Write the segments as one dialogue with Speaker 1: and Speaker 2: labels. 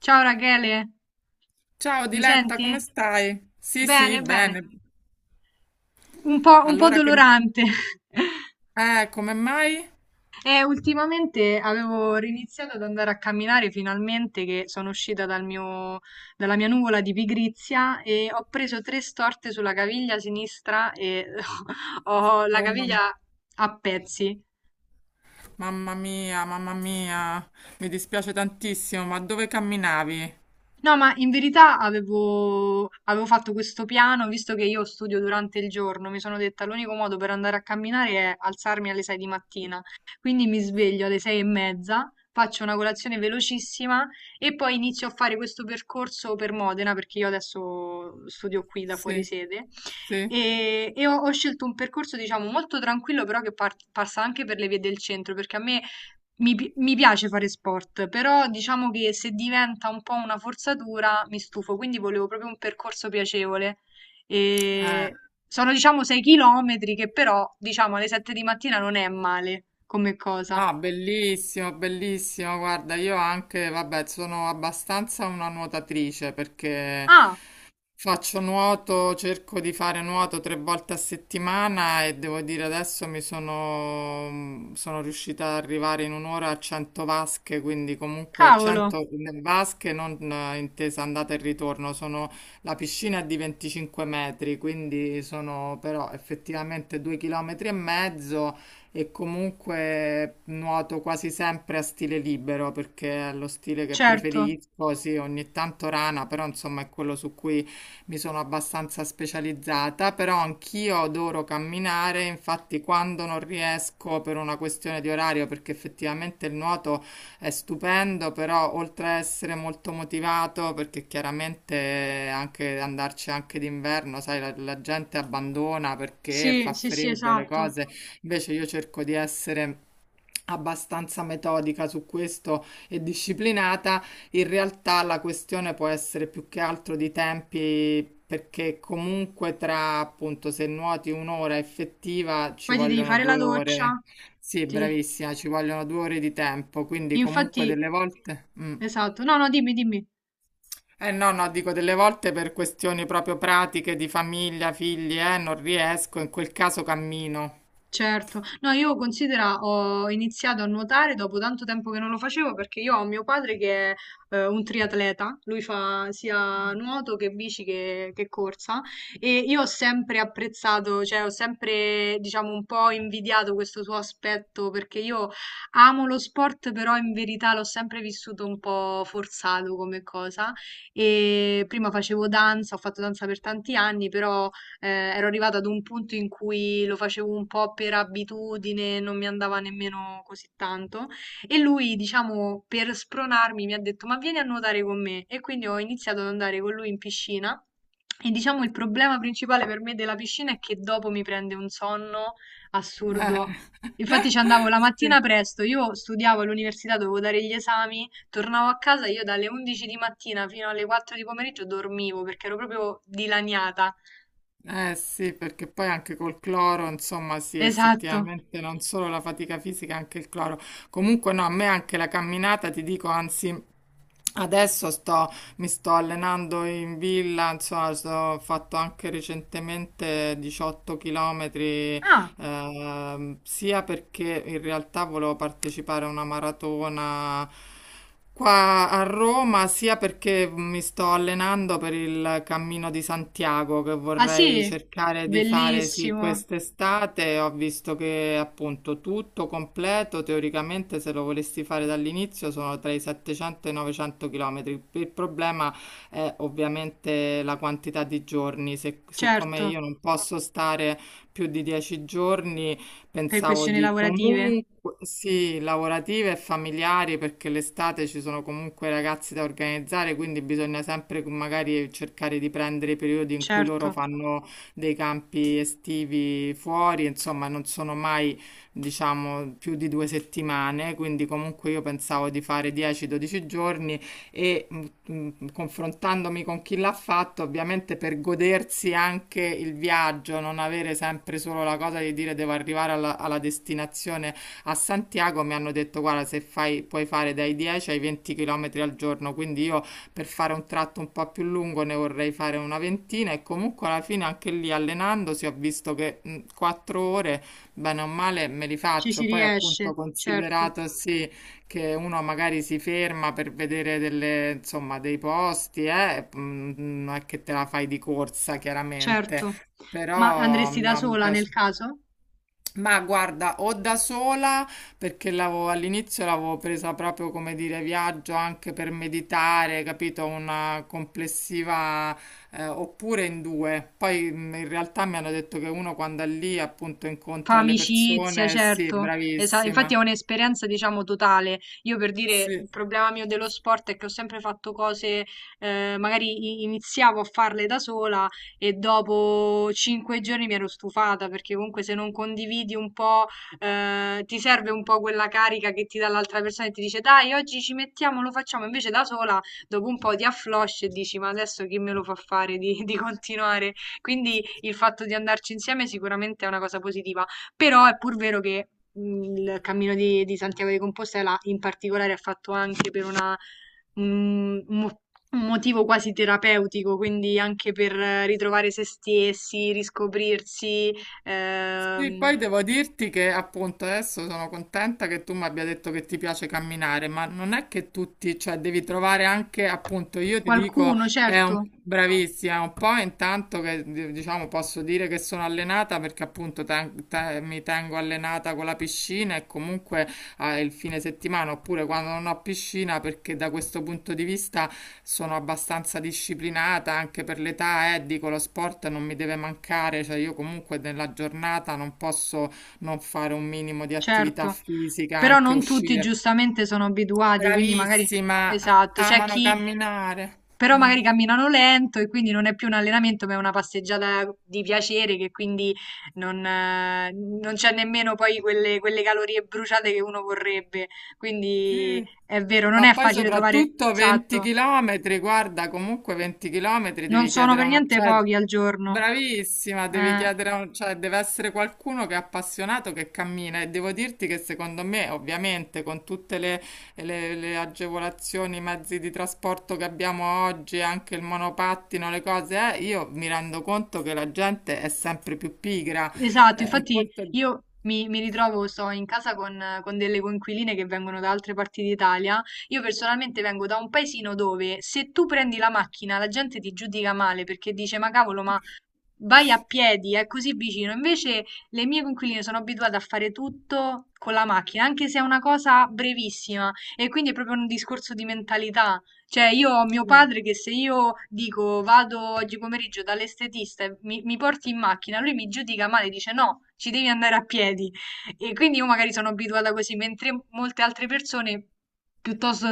Speaker 1: Ciao Rachele,
Speaker 2: Ciao
Speaker 1: mi
Speaker 2: Diletta, come
Speaker 1: senti?
Speaker 2: stai? Sì, sì,
Speaker 1: Bene, bene.
Speaker 2: bene.
Speaker 1: Un po'
Speaker 2: Allora che...
Speaker 1: dolorante.
Speaker 2: Come mai?
Speaker 1: E ultimamente avevo riniziato ad andare a camminare finalmente che sono uscita dal dalla mia nuvola di pigrizia e ho preso tre storte sulla caviglia sinistra e ho la
Speaker 2: Oh,
Speaker 1: caviglia a pezzi.
Speaker 2: mamma mia, mi dispiace tantissimo, ma dove camminavi?
Speaker 1: No, ma in verità avevo fatto questo piano, visto che io studio durante il giorno, mi sono detta l'unico modo per andare a camminare è alzarmi alle 6 di mattina. Quindi mi sveglio alle 6 e mezza, faccio una colazione velocissima e poi inizio a fare questo percorso per Modena, perché io adesso studio qui da fuori
Speaker 2: Sì,
Speaker 1: sede.
Speaker 2: sì.
Speaker 1: Ho scelto un percorso, diciamo, molto tranquillo, però che passa anche per le vie del centro, perché a me mi piace fare sport, però diciamo che se diventa un po' una forzatura mi stufo, quindi volevo proprio un percorso piacevole.
Speaker 2: Eh,
Speaker 1: E sono diciamo 6 chilometri che però diciamo alle 7 di mattina non è male come cosa.
Speaker 2: No, bellissimo, bellissimo. Guarda, io anche, vabbè, sono abbastanza una nuotatrice perché
Speaker 1: Ah,
Speaker 2: faccio nuoto, cerco di fare nuoto tre volte a settimana e devo dire adesso sono riuscita ad arrivare in un'ora a 100 vasche, quindi comunque
Speaker 1: cavolo,
Speaker 2: 100 vasche non intesa andata e ritorno, sono, la piscina è di 25 metri, quindi sono però effettivamente 2 chilometri e mezzo e comunque nuoto quasi sempre a stile libero perché è lo stile che
Speaker 1: certo.
Speaker 2: preferisco, sì, ogni tanto rana, però insomma è quello su cui mi sono abbastanza specializzata, però anch'io adoro camminare, infatti quando non riesco per una questione di orario, perché effettivamente il nuoto è stupendo, però oltre a essere molto motivato, perché chiaramente anche andarci anche d'inverno, sai, la gente abbandona perché
Speaker 1: Sì,
Speaker 2: fa
Speaker 1: sì, sì,
Speaker 2: freddo, le
Speaker 1: esatto.
Speaker 2: cose, invece io cerco di essere abbastanza metodica su questo e disciplinata, in realtà la questione può essere più che altro di tempi. Perché comunque tra appunto se nuoti un'ora effettiva ci
Speaker 1: Poi ti devi
Speaker 2: vogliono
Speaker 1: fare la
Speaker 2: due
Speaker 1: doccia.
Speaker 2: ore. Sì,
Speaker 1: Ti-
Speaker 2: bravissima, ci vogliono 2 ore di tempo, quindi comunque
Speaker 1: Infatti,
Speaker 2: delle volte. Mm.
Speaker 1: esatto. No, no, dimmi, dimmi.
Speaker 2: Eh no, no, dico delle volte per questioni proprio pratiche di famiglia, figli, non riesco, in quel caso cammino.
Speaker 1: Certo, no io considera ho iniziato a nuotare dopo tanto tempo che non lo facevo perché io ho mio padre che è un triatleta, lui fa sia nuoto che bici che corsa e io ho sempre apprezzato, cioè ho sempre diciamo un po' invidiato questo suo aspetto perché io amo lo sport però in verità l'ho sempre vissuto un po' forzato come cosa e prima facevo danza, ho fatto danza per tanti anni però eh, ero arrivata ad un punto in cui lo facevo un po' per abitudine, non mi andava nemmeno così tanto. E lui, diciamo, per spronarmi, mi ha detto: Ma vieni a nuotare con me. E quindi ho iniziato ad andare con lui in piscina. E diciamo il problema principale per me della piscina è che dopo mi prende un sonno assurdo. Infatti ci andavo la
Speaker 2: Sì.
Speaker 1: mattina presto, io studiavo all'università, dovevo dare gli esami, tornavo a casa, io dalle 11 di mattina fino alle 4 di pomeriggio dormivo perché ero proprio dilaniata.
Speaker 2: Eh sì, perché poi anche col cloro, insomma, sì,
Speaker 1: Esatto.
Speaker 2: effettivamente non solo la fatica fisica, anche il cloro. Comunque no, a me anche la camminata, ti dico, anzi, adesso mi sto allenando in villa, insomma, ho fatto anche recentemente 18 chilometri
Speaker 1: Ah,
Speaker 2: sia perché in realtà volevo partecipare a una maratona qua a Roma, sia perché mi sto allenando per il Cammino di Santiago che
Speaker 1: ah sì?
Speaker 2: vorrei cercare di fare sì
Speaker 1: Bellissimo.
Speaker 2: quest'estate. Ho visto che appunto tutto completo, teoricamente se lo volessi fare dall'inizio sono tra i 700 e i 900 km. Il problema è ovviamente la quantità di giorni, siccome
Speaker 1: Certo,
Speaker 2: io non posso stare più di 10 giorni,
Speaker 1: per
Speaker 2: pensavo
Speaker 1: questioni
Speaker 2: di
Speaker 1: lavorative,
Speaker 2: comunque, sì, lavorative e familiari, perché l'estate ci sono comunque ragazzi da organizzare, quindi bisogna sempre magari cercare di prendere i periodi in cui loro
Speaker 1: certo.
Speaker 2: fanno dei campi estivi fuori, insomma, non sono mai, diciamo, più di 2 settimane, quindi comunque io pensavo di fare 10-12 giorni e confrontandomi con chi l'ha fatto, ovviamente per godersi anche il viaggio, non avere sempre solo la cosa di dire devo arrivare alla destinazione a Santiago, mi hanno detto guarda se fai, puoi fare dai 10 ai 20 km al giorno, quindi io per fare un tratto un po' più lungo ne vorrei fare una ventina e comunque alla fine anche lì allenandosi ho visto che 4 ore, bene o male, me li
Speaker 1: Ci si
Speaker 2: faccio, poi appunto
Speaker 1: riesce, certo,
Speaker 2: considerato sì che uno magari si ferma per vedere delle, insomma, dei posti, eh? Non è che te la fai di corsa, chiaramente,
Speaker 1: certo. Ma
Speaker 2: però
Speaker 1: andresti da
Speaker 2: no, mi
Speaker 1: sola nel
Speaker 2: piace.
Speaker 1: caso?
Speaker 2: Ma guarda, o da sola, perché all'inizio l'avevo presa proprio come dire viaggio anche per meditare, capito? Una complessiva, oppure in due. Poi in realtà mi hanno detto che uno quando è lì appunto
Speaker 1: Fa
Speaker 2: incontra le
Speaker 1: amicizia,
Speaker 2: persone, sì,
Speaker 1: certo. Infatti
Speaker 2: bravissima.
Speaker 1: è un'esperienza, diciamo, totale. Io per dire,
Speaker 2: Sì.
Speaker 1: il problema mio dello sport è che ho sempre fatto cose, magari iniziavo a farle da sola e dopo 5 giorni mi ero stufata, perché comunque se non condividi un po', ti serve un po' quella carica che ti dà l'altra persona e ti dice, dai, oggi ci mettiamo, lo facciamo. Invece da sola, dopo un po' ti afflosci e dici, ma adesso chi me lo fa fare di di continuare? Quindi il fatto di andarci insieme sicuramente è una cosa positiva. Però è pur vero che il Cammino di Santiago di Compostela in particolare è fatto anche per un, un mo- un motivo quasi terapeutico, quindi anche per ritrovare se stessi, riscoprirsi,
Speaker 2: Sì,
Speaker 1: ehm,
Speaker 2: poi devo dirti che appunto adesso sono contenta che tu mi abbia detto che ti piace camminare, ma non è che tutti, cioè devi trovare anche appunto, io ti dico,
Speaker 1: qualcuno, certo,
Speaker 2: bravissima, è un po' intanto che diciamo posso dire che sono allenata perché appunto mi tengo allenata con la piscina e comunque il fine settimana oppure quando non ho piscina perché da questo punto di vista sono abbastanza disciplinata anche per l'età, dico lo sport non mi deve mancare, cioè io comunque nella giornata non posso non fare un minimo di attività
Speaker 1: certo.
Speaker 2: fisica,
Speaker 1: Però
Speaker 2: anche
Speaker 1: non tutti
Speaker 2: uscire.
Speaker 1: giustamente sono abituati, quindi magari...
Speaker 2: Bravissima,
Speaker 1: Esatto, c'è
Speaker 2: amano
Speaker 1: chi
Speaker 2: camminare.
Speaker 1: però
Speaker 2: Mm,
Speaker 1: magari camminano lento e quindi non è più un allenamento, ma è una passeggiata di piacere che quindi non, non c'è nemmeno poi quelle calorie bruciate che uno vorrebbe. Quindi
Speaker 2: sì.
Speaker 1: è vero, non
Speaker 2: Ma
Speaker 1: è
Speaker 2: poi
Speaker 1: facile trovare,
Speaker 2: soprattutto 20
Speaker 1: esatto,
Speaker 2: km, guarda, comunque 20 km
Speaker 1: non
Speaker 2: devi
Speaker 1: sono
Speaker 2: chiedere
Speaker 1: per
Speaker 2: a una...
Speaker 1: niente
Speaker 2: Cioè,
Speaker 1: pochi al giorno.
Speaker 2: bravissima, devi
Speaker 1: Eh.
Speaker 2: chiedere cioè deve essere qualcuno che è appassionato, che cammina e devo dirti che secondo me, ovviamente, con tutte le agevolazioni, i mezzi di trasporto che abbiamo oggi, anche il monopattino, le cose, io mi rendo conto che la gente è sempre più pigra.
Speaker 1: Esatto,
Speaker 2: Un
Speaker 1: infatti
Speaker 2: conto... è-
Speaker 1: io mi ritrovo, sto in casa con delle coinquiline che vengono da altre parti d'Italia. Io personalmente vengo da un paesino dove se tu prendi la macchina la gente ti giudica male perché dice ma cavolo, ma vai a piedi, è così vicino. Invece le mie coinquiline sono abituate a fare tutto con la macchina, anche se è una cosa brevissima. E quindi è proprio un discorso di mentalità. Cioè, io ho mio padre che se io dico vado oggi pomeriggio dall'estetista e mi porti in macchina, lui mi giudica male, dice no, ci devi andare a piedi. E quindi io magari sono abituata così, mentre molte altre persone, piuttosto,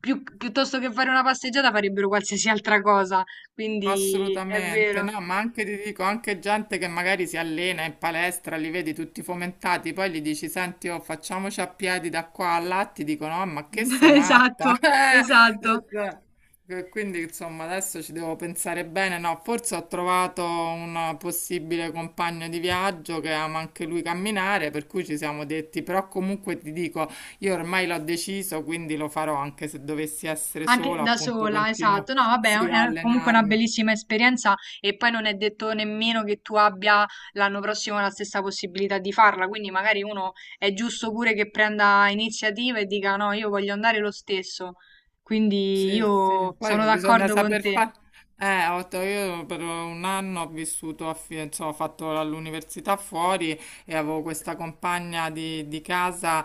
Speaker 1: piuttosto che fare una passeggiata, farebbero qualsiasi altra cosa. Quindi è
Speaker 2: Assolutamente,
Speaker 1: vero.
Speaker 2: no, ma anche ti dico, anche gente che magari si allena in palestra, li vedi tutti fomentati, poi gli dici, senti, oh, facciamoci a piedi da qua a là, ti dicono, "Ah, ma che sei matta?
Speaker 1: Esatto, esatto.
Speaker 2: Cioè, quindi, insomma, adesso ci devo pensare bene, no, forse ho trovato un possibile compagno di viaggio che ama anche lui camminare, per cui ci siamo detti, però comunque ti dico, io ormai l'ho deciso, quindi lo farò anche se dovessi essere
Speaker 1: Anche
Speaker 2: sola,
Speaker 1: da
Speaker 2: appunto,
Speaker 1: sola,
Speaker 2: continuo,
Speaker 1: esatto. No, vabbè,
Speaker 2: sì, a
Speaker 1: è comunque una
Speaker 2: allenarmi.
Speaker 1: bellissima esperienza e poi non è detto nemmeno che tu abbia l'anno prossimo la stessa possibilità di farla, quindi magari uno è giusto pure che prenda iniziativa e dica no, io voglio andare lo stesso. Quindi
Speaker 2: Sì, sì,
Speaker 1: io sono
Speaker 2: poi bisogna
Speaker 1: d'accordo con
Speaker 2: saper
Speaker 1: te.
Speaker 2: fare. Ho detto, io per un anno ho vissuto, a insomma, ho fatto l'università fuori e avevo questa compagna di casa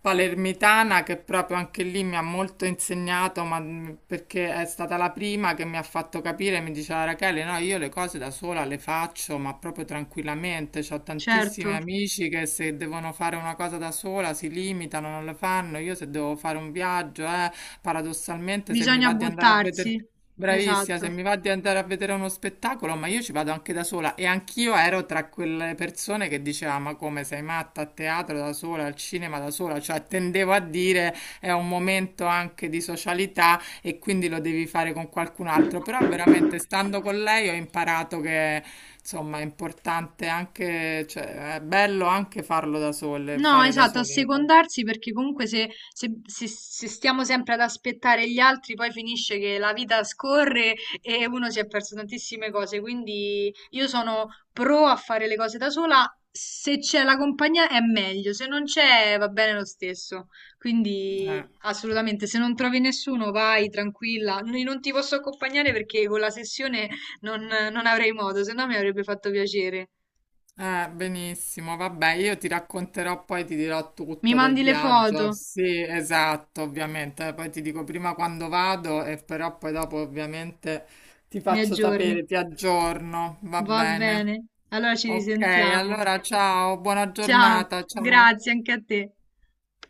Speaker 2: palermitana che proprio anche lì mi ha molto insegnato, ma perché è stata la prima che mi ha fatto capire, mi diceva Rachele, no, io le cose da sola le faccio, ma proprio tranquillamente, ho
Speaker 1: Certo,
Speaker 2: tantissimi amici che se devono fare una cosa da sola si limitano, non le fanno, io se devo fare un viaggio, eh. Paradossalmente, se mi
Speaker 1: bisogna
Speaker 2: va di andare a vedere,
Speaker 1: buttarsi.
Speaker 2: bravissima, se
Speaker 1: Esatto.
Speaker 2: mi va di andare a vedere uno spettacolo, ma io ci vado anche da sola e anch'io ero tra quelle persone che diceva, ma come sei matta a teatro da sola, al cinema da sola, cioè tendevo a dire è un momento anche di socialità e quindi lo devi fare con qualcun altro, però veramente stando con lei ho imparato che insomma è importante anche, cioè è bello anche farlo da sole,
Speaker 1: No,
Speaker 2: fare da
Speaker 1: esatto,
Speaker 2: sole le cose.
Speaker 1: assecondarsi perché comunque se stiamo sempre ad aspettare gli altri, poi finisce che la vita scorre e uno si è perso tantissime cose. Quindi io sono pro a fare le cose da sola. Se c'è la compagnia è meglio, se non c'è va bene lo stesso. Quindi
Speaker 2: Eh.
Speaker 1: assolutamente, se non trovi nessuno vai tranquilla. Non ti posso accompagnare perché con la sessione non avrei modo, se no mi avrebbe fatto piacere.
Speaker 2: Benissimo, vabbè, io ti racconterò poi, ti dirò
Speaker 1: Mi
Speaker 2: tutto del
Speaker 1: mandi le foto,
Speaker 2: viaggio. Sì, esatto, ovviamente. Poi ti dico prima quando vado e però poi dopo ovviamente ti
Speaker 1: mi
Speaker 2: faccio
Speaker 1: aggiorni.
Speaker 2: sapere, ti aggiorno, va
Speaker 1: Va
Speaker 2: bene.
Speaker 1: bene, allora ci
Speaker 2: Ok,
Speaker 1: risentiamo.
Speaker 2: allora ciao, buona
Speaker 1: Ciao,
Speaker 2: giornata, ciao.
Speaker 1: grazie anche a te.